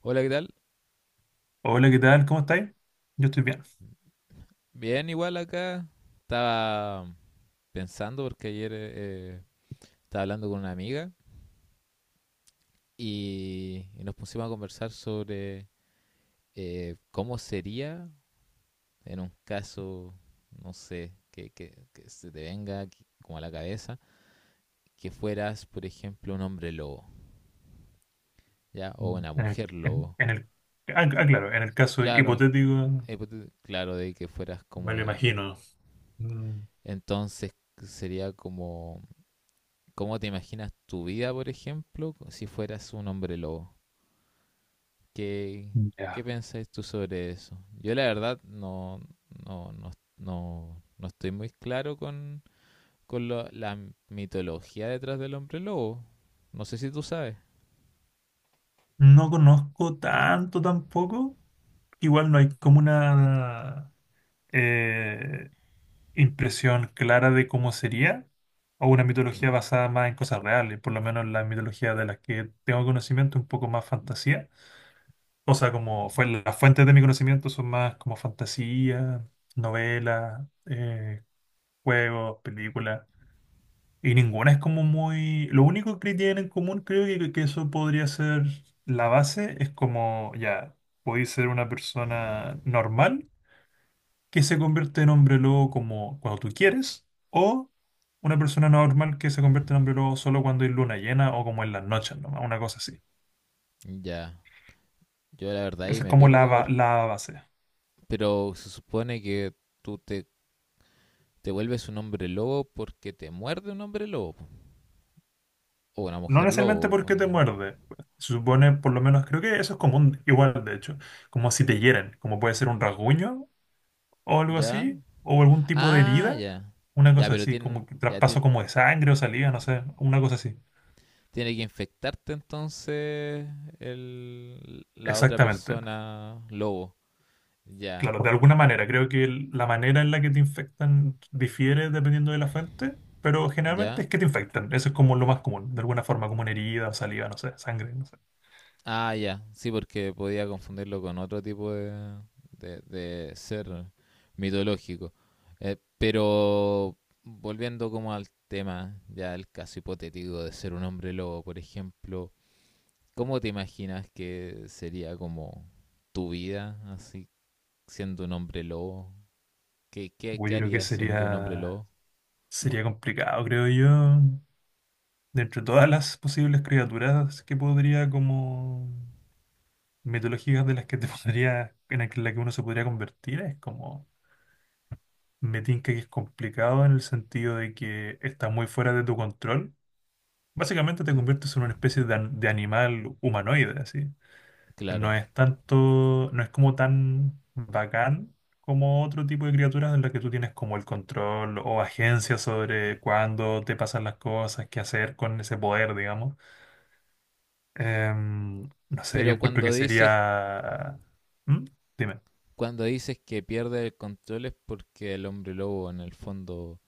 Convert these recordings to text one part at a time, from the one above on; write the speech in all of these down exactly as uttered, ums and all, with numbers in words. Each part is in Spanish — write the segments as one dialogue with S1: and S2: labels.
S1: Hola, ¿qué tal?
S2: Hola, ¿qué tal? ¿Cómo estáis? Yo estoy bien.
S1: Bien, igual acá. Estaba pensando porque ayer eh, estaba hablando con una amiga y, y nos pusimos a conversar sobre eh, cómo sería en un caso, no sé, que, que- que se te venga aquí como a la cabeza, que fueras, por ejemplo, un hombre lobo, ¿ya? O
S2: Mm.
S1: una
S2: En el,
S1: mujer
S2: en,
S1: lobo.
S2: en el, ah, ah, claro, en el caso
S1: Claro,
S2: hipotético,
S1: hipote- claro, de que fueras
S2: me
S1: como...
S2: lo
S1: eh,
S2: imagino. Mm,
S1: entonces sería como, ¿cómo te imaginas tu vida, por ejemplo, si fueras un hombre lobo? ¿Qué, ¿qué
S2: ya.
S1: pensáis tú sobre eso? Yo la verdad no, no, no, no, no estoy muy claro con, con lo- la mitología detrás del hombre lobo. No sé si tú sabes.
S2: No conozco tanto tampoco. Igual no hay como una eh, impresión clara de cómo sería o una mitología
S1: Ujú.
S2: basada más en cosas reales, por lo menos la mitología de las que tengo conocimiento, un poco más fantasía. O sea, como fue, las fuentes de mi conocimiento son más como fantasía, novelas, eh, juegos, películas. Y ninguna es como muy... Lo único que tienen en común, creo que, que eso podría ser la base, es como, ya, podéis ser una persona normal que se convierte en hombre lobo como cuando tú quieres, o una persona normal que se convierte en hombre lobo solo cuando hay luna llena o como en las noches, nomás, una cosa así.
S1: Ya, yo la verdad ahí
S2: Esa es
S1: me
S2: como la,
S1: pierdo,
S2: ba-
S1: por-
S2: la base.
S1: pero se supone que tú te, te vuelves un hombre lobo porque te muerde un hombre lobo, po, o una
S2: No
S1: mujer
S2: necesariamente
S1: lobo, o
S2: porque te
S1: no.
S2: muerde. Se supone, por lo menos, creo que eso es común, igual de hecho, como si te hieren, como puede ser un rasguño o algo
S1: Ya,
S2: así, o algún tipo de
S1: ah,
S2: herida,
S1: ya.
S2: una
S1: Ya,
S2: cosa
S1: pero
S2: así,
S1: tiene,
S2: como que
S1: ya ti-
S2: traspaso como de sangre o salida, no sé, una cosa así.
S1: tiene que infectarte entonces el, la otra
S2: Exactamente.
S1: persona lobo. Ya,
S2: Claro, de alguna manera, creo que el- la manera en la que te infectan difiere dependiendo de la fuente, pero generalmente
S1: ya.
S2: es que te infectan. Eso es como lo más común, de alguna forma, como una herida, saliva, no sé, sangre, no sé.
S1: Ah, ya. Sí, porque podía confundirlo con otro tipo de, de, de ser mitológico. Eh, pero volviendo como al tema, ya el caso hipotético de ser un hombre lobo, por ejemplo, ¿cómo te imaginas que sería como tu vida así siendo un hombre lobo? ¿Qué, qué,
S2: Uy,
S1: ¿qué
S2: yo creo que
S1: harías siendo un hombre
S2: sería,
S1: lobo?
S2: sería complicado, creo yo. De entre todas las posibles criaturas que podría, como mitológicas de las que te podría, en la que en la que uno se podría convertir, es como, me tinca que es complicado en el sentido de que está muy fuera de tu control. Básicamente te
S1: Mm,
S2: conviertes en una especie de, an- de animal humanoide, así. No
S1: claro.
S2: es tanto, no es como tan bacán como otro tipo de criaturas en las que tú tienes como el control o agencia sobre cuándo te pasan las cosas, qué hacer con ese poder, digamos. Em, no sé, yo
S1: Pero
S2: encuentro
S1: cuando
S2: que
S1: dices,
S2: sería... ¿Mm? Dime.
S1: cuando dices que pierde el control es porque el hombre lobo en el fondo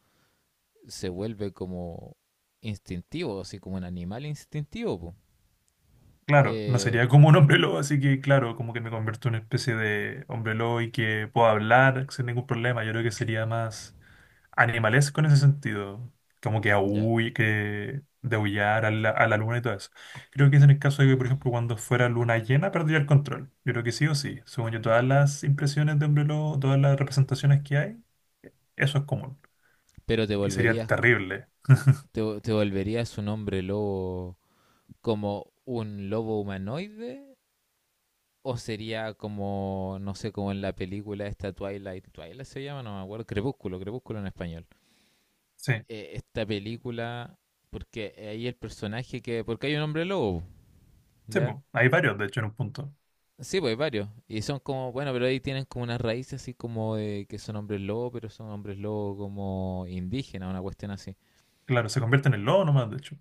S1: se vuelve como instintivo, así como un animal instintivo, po.
S2: Claro, no
S1: Eh,
S2: sería como un hombre lobo, así que claro, como que me convierto en una especie de hombre lobo y que puedo hablar sin ningún problema. Yo creo que sería más animales con ese sentido, como que
S1: Ya.
S2: ahuy que deullar a la a la luna y todo eso. Creo que es en el caso de que por ejemplo cuando fuera luna llena perder el control, yo creo que sí o sí. Según yo, todas las impresiones de hombre lobo, todas las representaciones que hay, eso es común
S1: Pero te
S2: y sería
S1: volverías,
S2: terrible.
S1: te, te volverías un hombre lobo como un lobo humanoide o sería como, no sé, como en la película esta Twilight, Twilight se llama, no me acuerdo, Crepúsculo, Crepúsculo en español.
S2: Sí,
S1: Eh, esta película, porque ahí el personaje que, porque hay un hombre lobo,
S2: sí,
S1: ¿ya?
S2: bueno, hay varios de hecho en un punto.
S1: Sí, pues varios. Y son como, bueno, pero ahí tienen como unas raíces así como de que son hombres lobo, pero son hombres lobo como indígenas, una cuestión así.
S2: Claro, se convierten en lobos no más de hecho,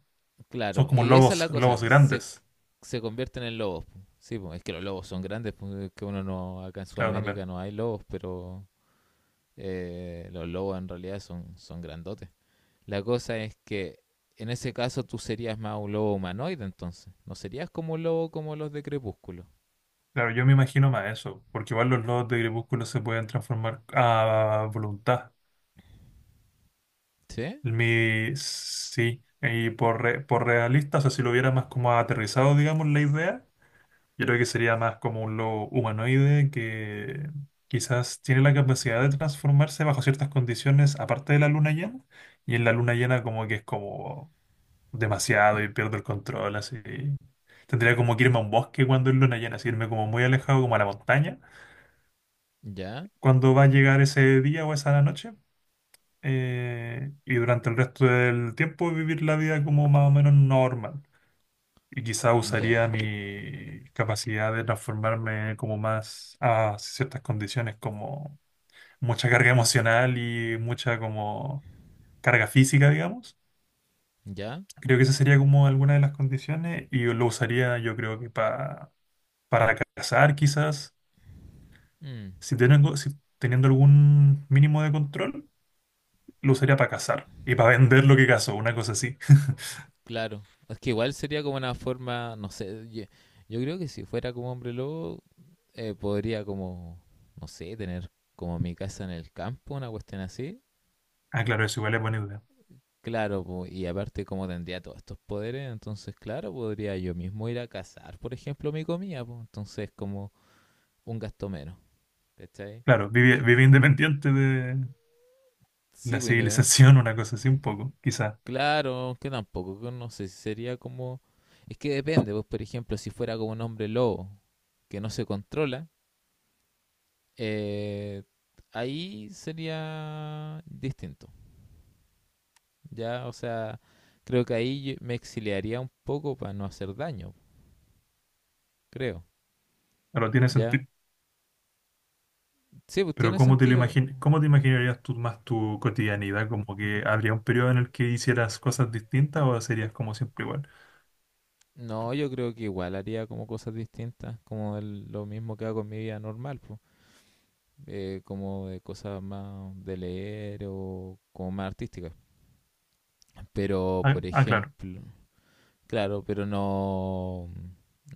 S2: son
S1: Claro,
S2: como
S1: y esa es la
S2: lobos lobos
S1: cosa, se,
S2: grandes.
S1: se convierten en lobos, po. Sí, pues es que los lobos son grandes, pues, es que uno no, acá en
S2: Claro, también.
S1: Sudamérica no hay lobos, pero eh, los lobos en realidad son, son grandotes. La cosa es que en ese caso tú serías más un lobo humanoide entonces. No serías como un lobo como los de Crepúsculo.
S2: Claro, yo me imagino más eso, porque igual los lobos de gribucho se pueden transformar a voluntad.
S1: ¿Sí?
S2: Mi, sí, y por, re- por realista, o sea, si lo hubiera más como aterrizado, digamos, la idea, yo creo que sería más como un lobo humanoide que quizás tiene la capacidad de transformarse bajo ciertas condiciones, aparte de la luna llena, y en la luna llena como que es como demasiado y pierdo el control, así. Tendría como que irme a un bosque cuando es luna llena, así irme como muy alejado, como a la montaña,
S1: Ya,
S2: cuando va a llegar ese día o esa noche. Eh, y durante el resto del tiempo vivir la vida como más o menos normal. Y quizá
S1: ya,
S2: usaría mi capacidad de transformarme como más a ciertas condiciones, como mucha carga emocional y mucha como carga física, digamos.
S1: ya.
S2: Creo que esa sería como alguna de las condiciones y lo usaría yo creo que pa- para cazar quizás.
S1: Mm,
S2: Si tengo, si teniendo algún mínimo de control, lo usaría para cazar y para vender lo que cazo, una cosa así.
S1: claro. Es que igual sería como una forma, no sé, yo, yo creo que si fuera como hombre lobo, eh, podría como, no sé, tener como mi casa en el campo, una cuestión así.
S2: Ah, claro, eso igual es buena idea.
S1: Claro, po, y aparte como tendría todos estos poderes, entonces claro, podría yo mismo ir a cazar, por ejemplo, mi comida, po, entonces como un gasto menos, ¿cachai?
S2: Claro, vive, vive independiente de
S1: Sí,
S2: la
S1: pues independiente.
S2: civilización, una cosa así un poco, quizás.
S1: Claro, que tampoco, que no sé, sería como... es que depende, pues por ejemplo, si fuera como un hombre lobo que no se controla, eh, ahí sería distinto. Ya, o sea, creo que ahí yo me exiliaría un poco para no hacer daño, creo.
S2: Pero tiene
S1: Ya.
S2: sentido.
S1: Sí, pues
S2: Pero
S1: tiene
S2: ¿cómo te lo
S1: sentido.
S2: imagin- cómo te imaginarías tú más tu cotidianidad? ¿Como que habría un periodo en el que hicieras cosas distintas o serías como siempre igual?
S1: No, yo creo que igual haría como cosas distintas, como el- lo mismo que hago en mi vida normal, pues. Eh, como de cosas más de leer o como más artísticas. Pero,
S2: Ah,
S1: por
S2: ah, claro,
S1: ejemplo, claro, pero no,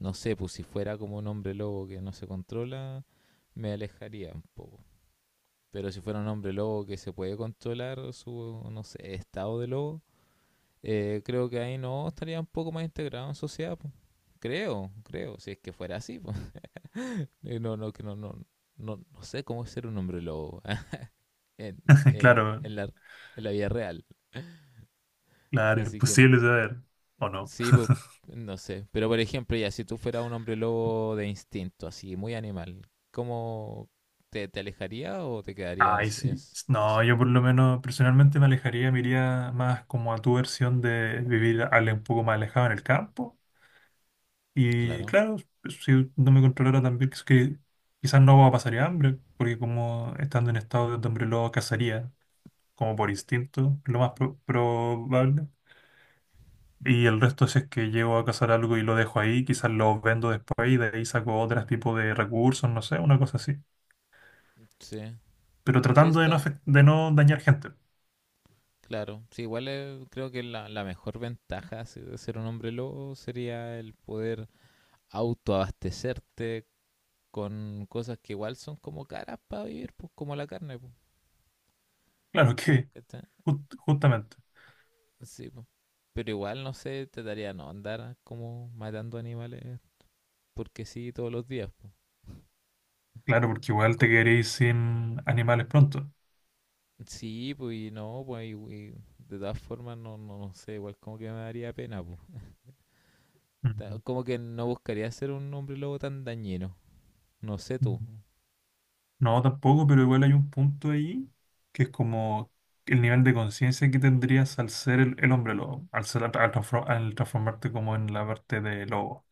S1: no sé, pues si fuera como un hombre lobo que no se controla, me alejaría un poco. Pero si fuera un hombre lobo que se puede controlar su, no sé, estado de lobo, eh, creo que ahí no estaría un poco más integrado en sociedad, pues. Creo, creo, si es que fuera así, pues. No, no, que no, no, no, no sé cómo es ser un hombre lobo. en, en,
S2: claro,
S1: en la, en la vida real.
S2: claro,
S1: Así que
S2: imposible saber, ¿o no?
S1: sí, pues, no sé. Pero por ejemplo, ya si tú fueras un hombre lobo de instinto, así, muy animal, ¿cómo te, te alejaría o te
S2: Ay,
S1: quedarías en,
S2: sí.
S1: o
S2: No, yo por lo menos personalmente me alejaría, me iría más como a tu versión de vivir al- un poco más alejado en el campo. Y
S1: claro,
S2: claro, pues, si no me controlara también, que, que quizás no pasaría hambre, porque como estando en estado de hambre lo cazaría, como por instinto, lo más pro- probable. Y el resto, si es que llego a cazar algo y lo dejo ahí, quizás lo vendo después y de ahí saco otro tipo de recursos, no sé, una cosa así.
S1: sí.
S2: Pero
S1: Sí
S2: tratando de no,
S1: está,
S2: afect- de no dañar gente.
S1: claro. Sí, igual eh, creo que la, la mejor ventaja de ser un hombre lobo sería el poder autoabastecerte con cosas que igual son como caras para vivir, pues como la carne, pues.
S2: Claro que,
S1: ¿Cachai?
S2: ju- justamente.
S1: Sí, po. Pero igual no sé, trataría de no andar como matando animales porque sí todos los días, po.
S2: Claro, porque igual te
S1: Com-
S2: quedaréis sin animales pronto.
S1: sí, pues y no, pues y- y de todas formas no, no, no sé, igual como que me daría pena, po. Ta- Como que no buscaría ser un hombre lobo tan dañino. No sé tú,
S2: Ujú. No, tampoco, pero igual hay un punto ahí que es como el nivel de conciencia que tendrías al ser el, el hombre lobo, al, ser- al transfor- al transformarte como en la parte de lobo.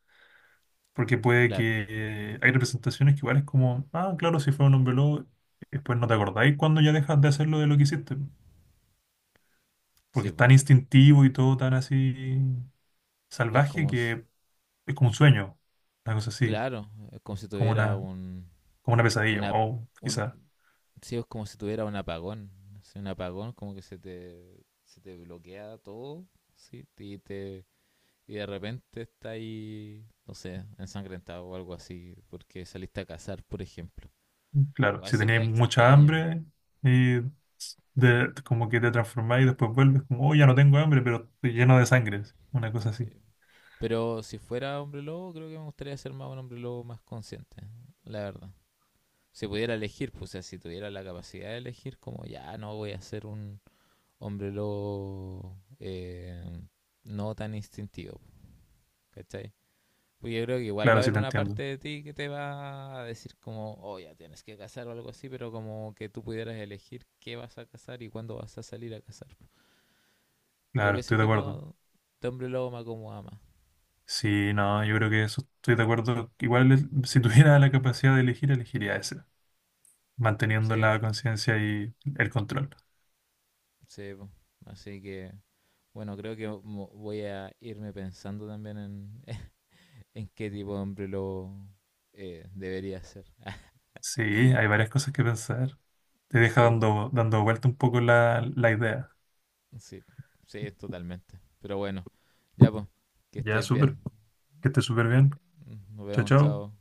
S2: Porque puede
S1: claro.
S2: que eh, hay representaciones que igual es como, ah, claro, si fue un hombre lobo, después no te acordáis cuando ya dejas de hacerlo de lo que hiciste. Porque
S1: Sí,
S2: es
S1: po.
S2: tan instintivo y todo tan así
S1: Es
S2: salvaje,
S1: como, s-
S2: que es como un sueño, una cosa así,
S1: claro, es como si
S2: como
S1: tuviera
S2: una,
S1: un,
S2: como una pesadilla,
S1: una,
S2: o quizás.
S1: un, sí, es como si tuviera un apagón. Sí, un apagón como que se te, se te bloquea todo, sí, y te y de repente está ahí, no sé, ensangrentado o algo así, porque saliste a cazar, por ejemplo.
S2: Claro,
S1: Igual
S2: si tenías
S1: sería
S2: mucha
S1: extraño.
S2: hambre y de, como que te transformáis y después vuelves como, oh, ya no tengo hambre, pero estoy lleno de sangre. Una cosa
S1: Sí.
S2: así.
S1: Pero si fuera hombre lobo, creo que me gustaría ser más un hombre lobo más consciente, la verdad. Si pudiera elegir, pues o sea, si tuviera la capacidad de elegir, como ya no voy a ser un hombre lobo eh, no tan instintivo, ¿cachai? Pues yo creo que igual va
S2: Claro,
S1: a
S2: sí
S1: haber
S2: te
S1: una
S2: entiendo.
S1: parte de ti que te va a decir como, oh, ya tienes que casar o algo así, pero como que tú pudieras elegir qué vas a casar y cuándo vas a salir a casar. Creo que
S2: Claro,
S1: ese
S2: estoy de acuerdo.
S1: tipo de hombre lobo me acomoda más.
S2: Sí, no, yo creo que eso estoy de acuerdo. Igual es- si tuviera la capacidad de elegir, elegiría ese, manteniendo
S1: Sí,
S2: la conciencia y el control.
S1: sí, po. Así que, bueno, creo que mo- voy a irme pensando también en, en qué tipo de hombre lobo eh, debería ser.
S2: Sí, hay varias cosas que pensar. Te deja
S1: Sí, po,
S2: dando, dando vuelta un poco la, la idea.
S1: sí, sí, totalmente. Pero bueno, ya pues, que
S2: Ya,
S1: estés bien.
S2: súper. Que estés súper bien.
S1: Nos
S2: Chao,
S1: vemos,
S2: chao.
S1: chao.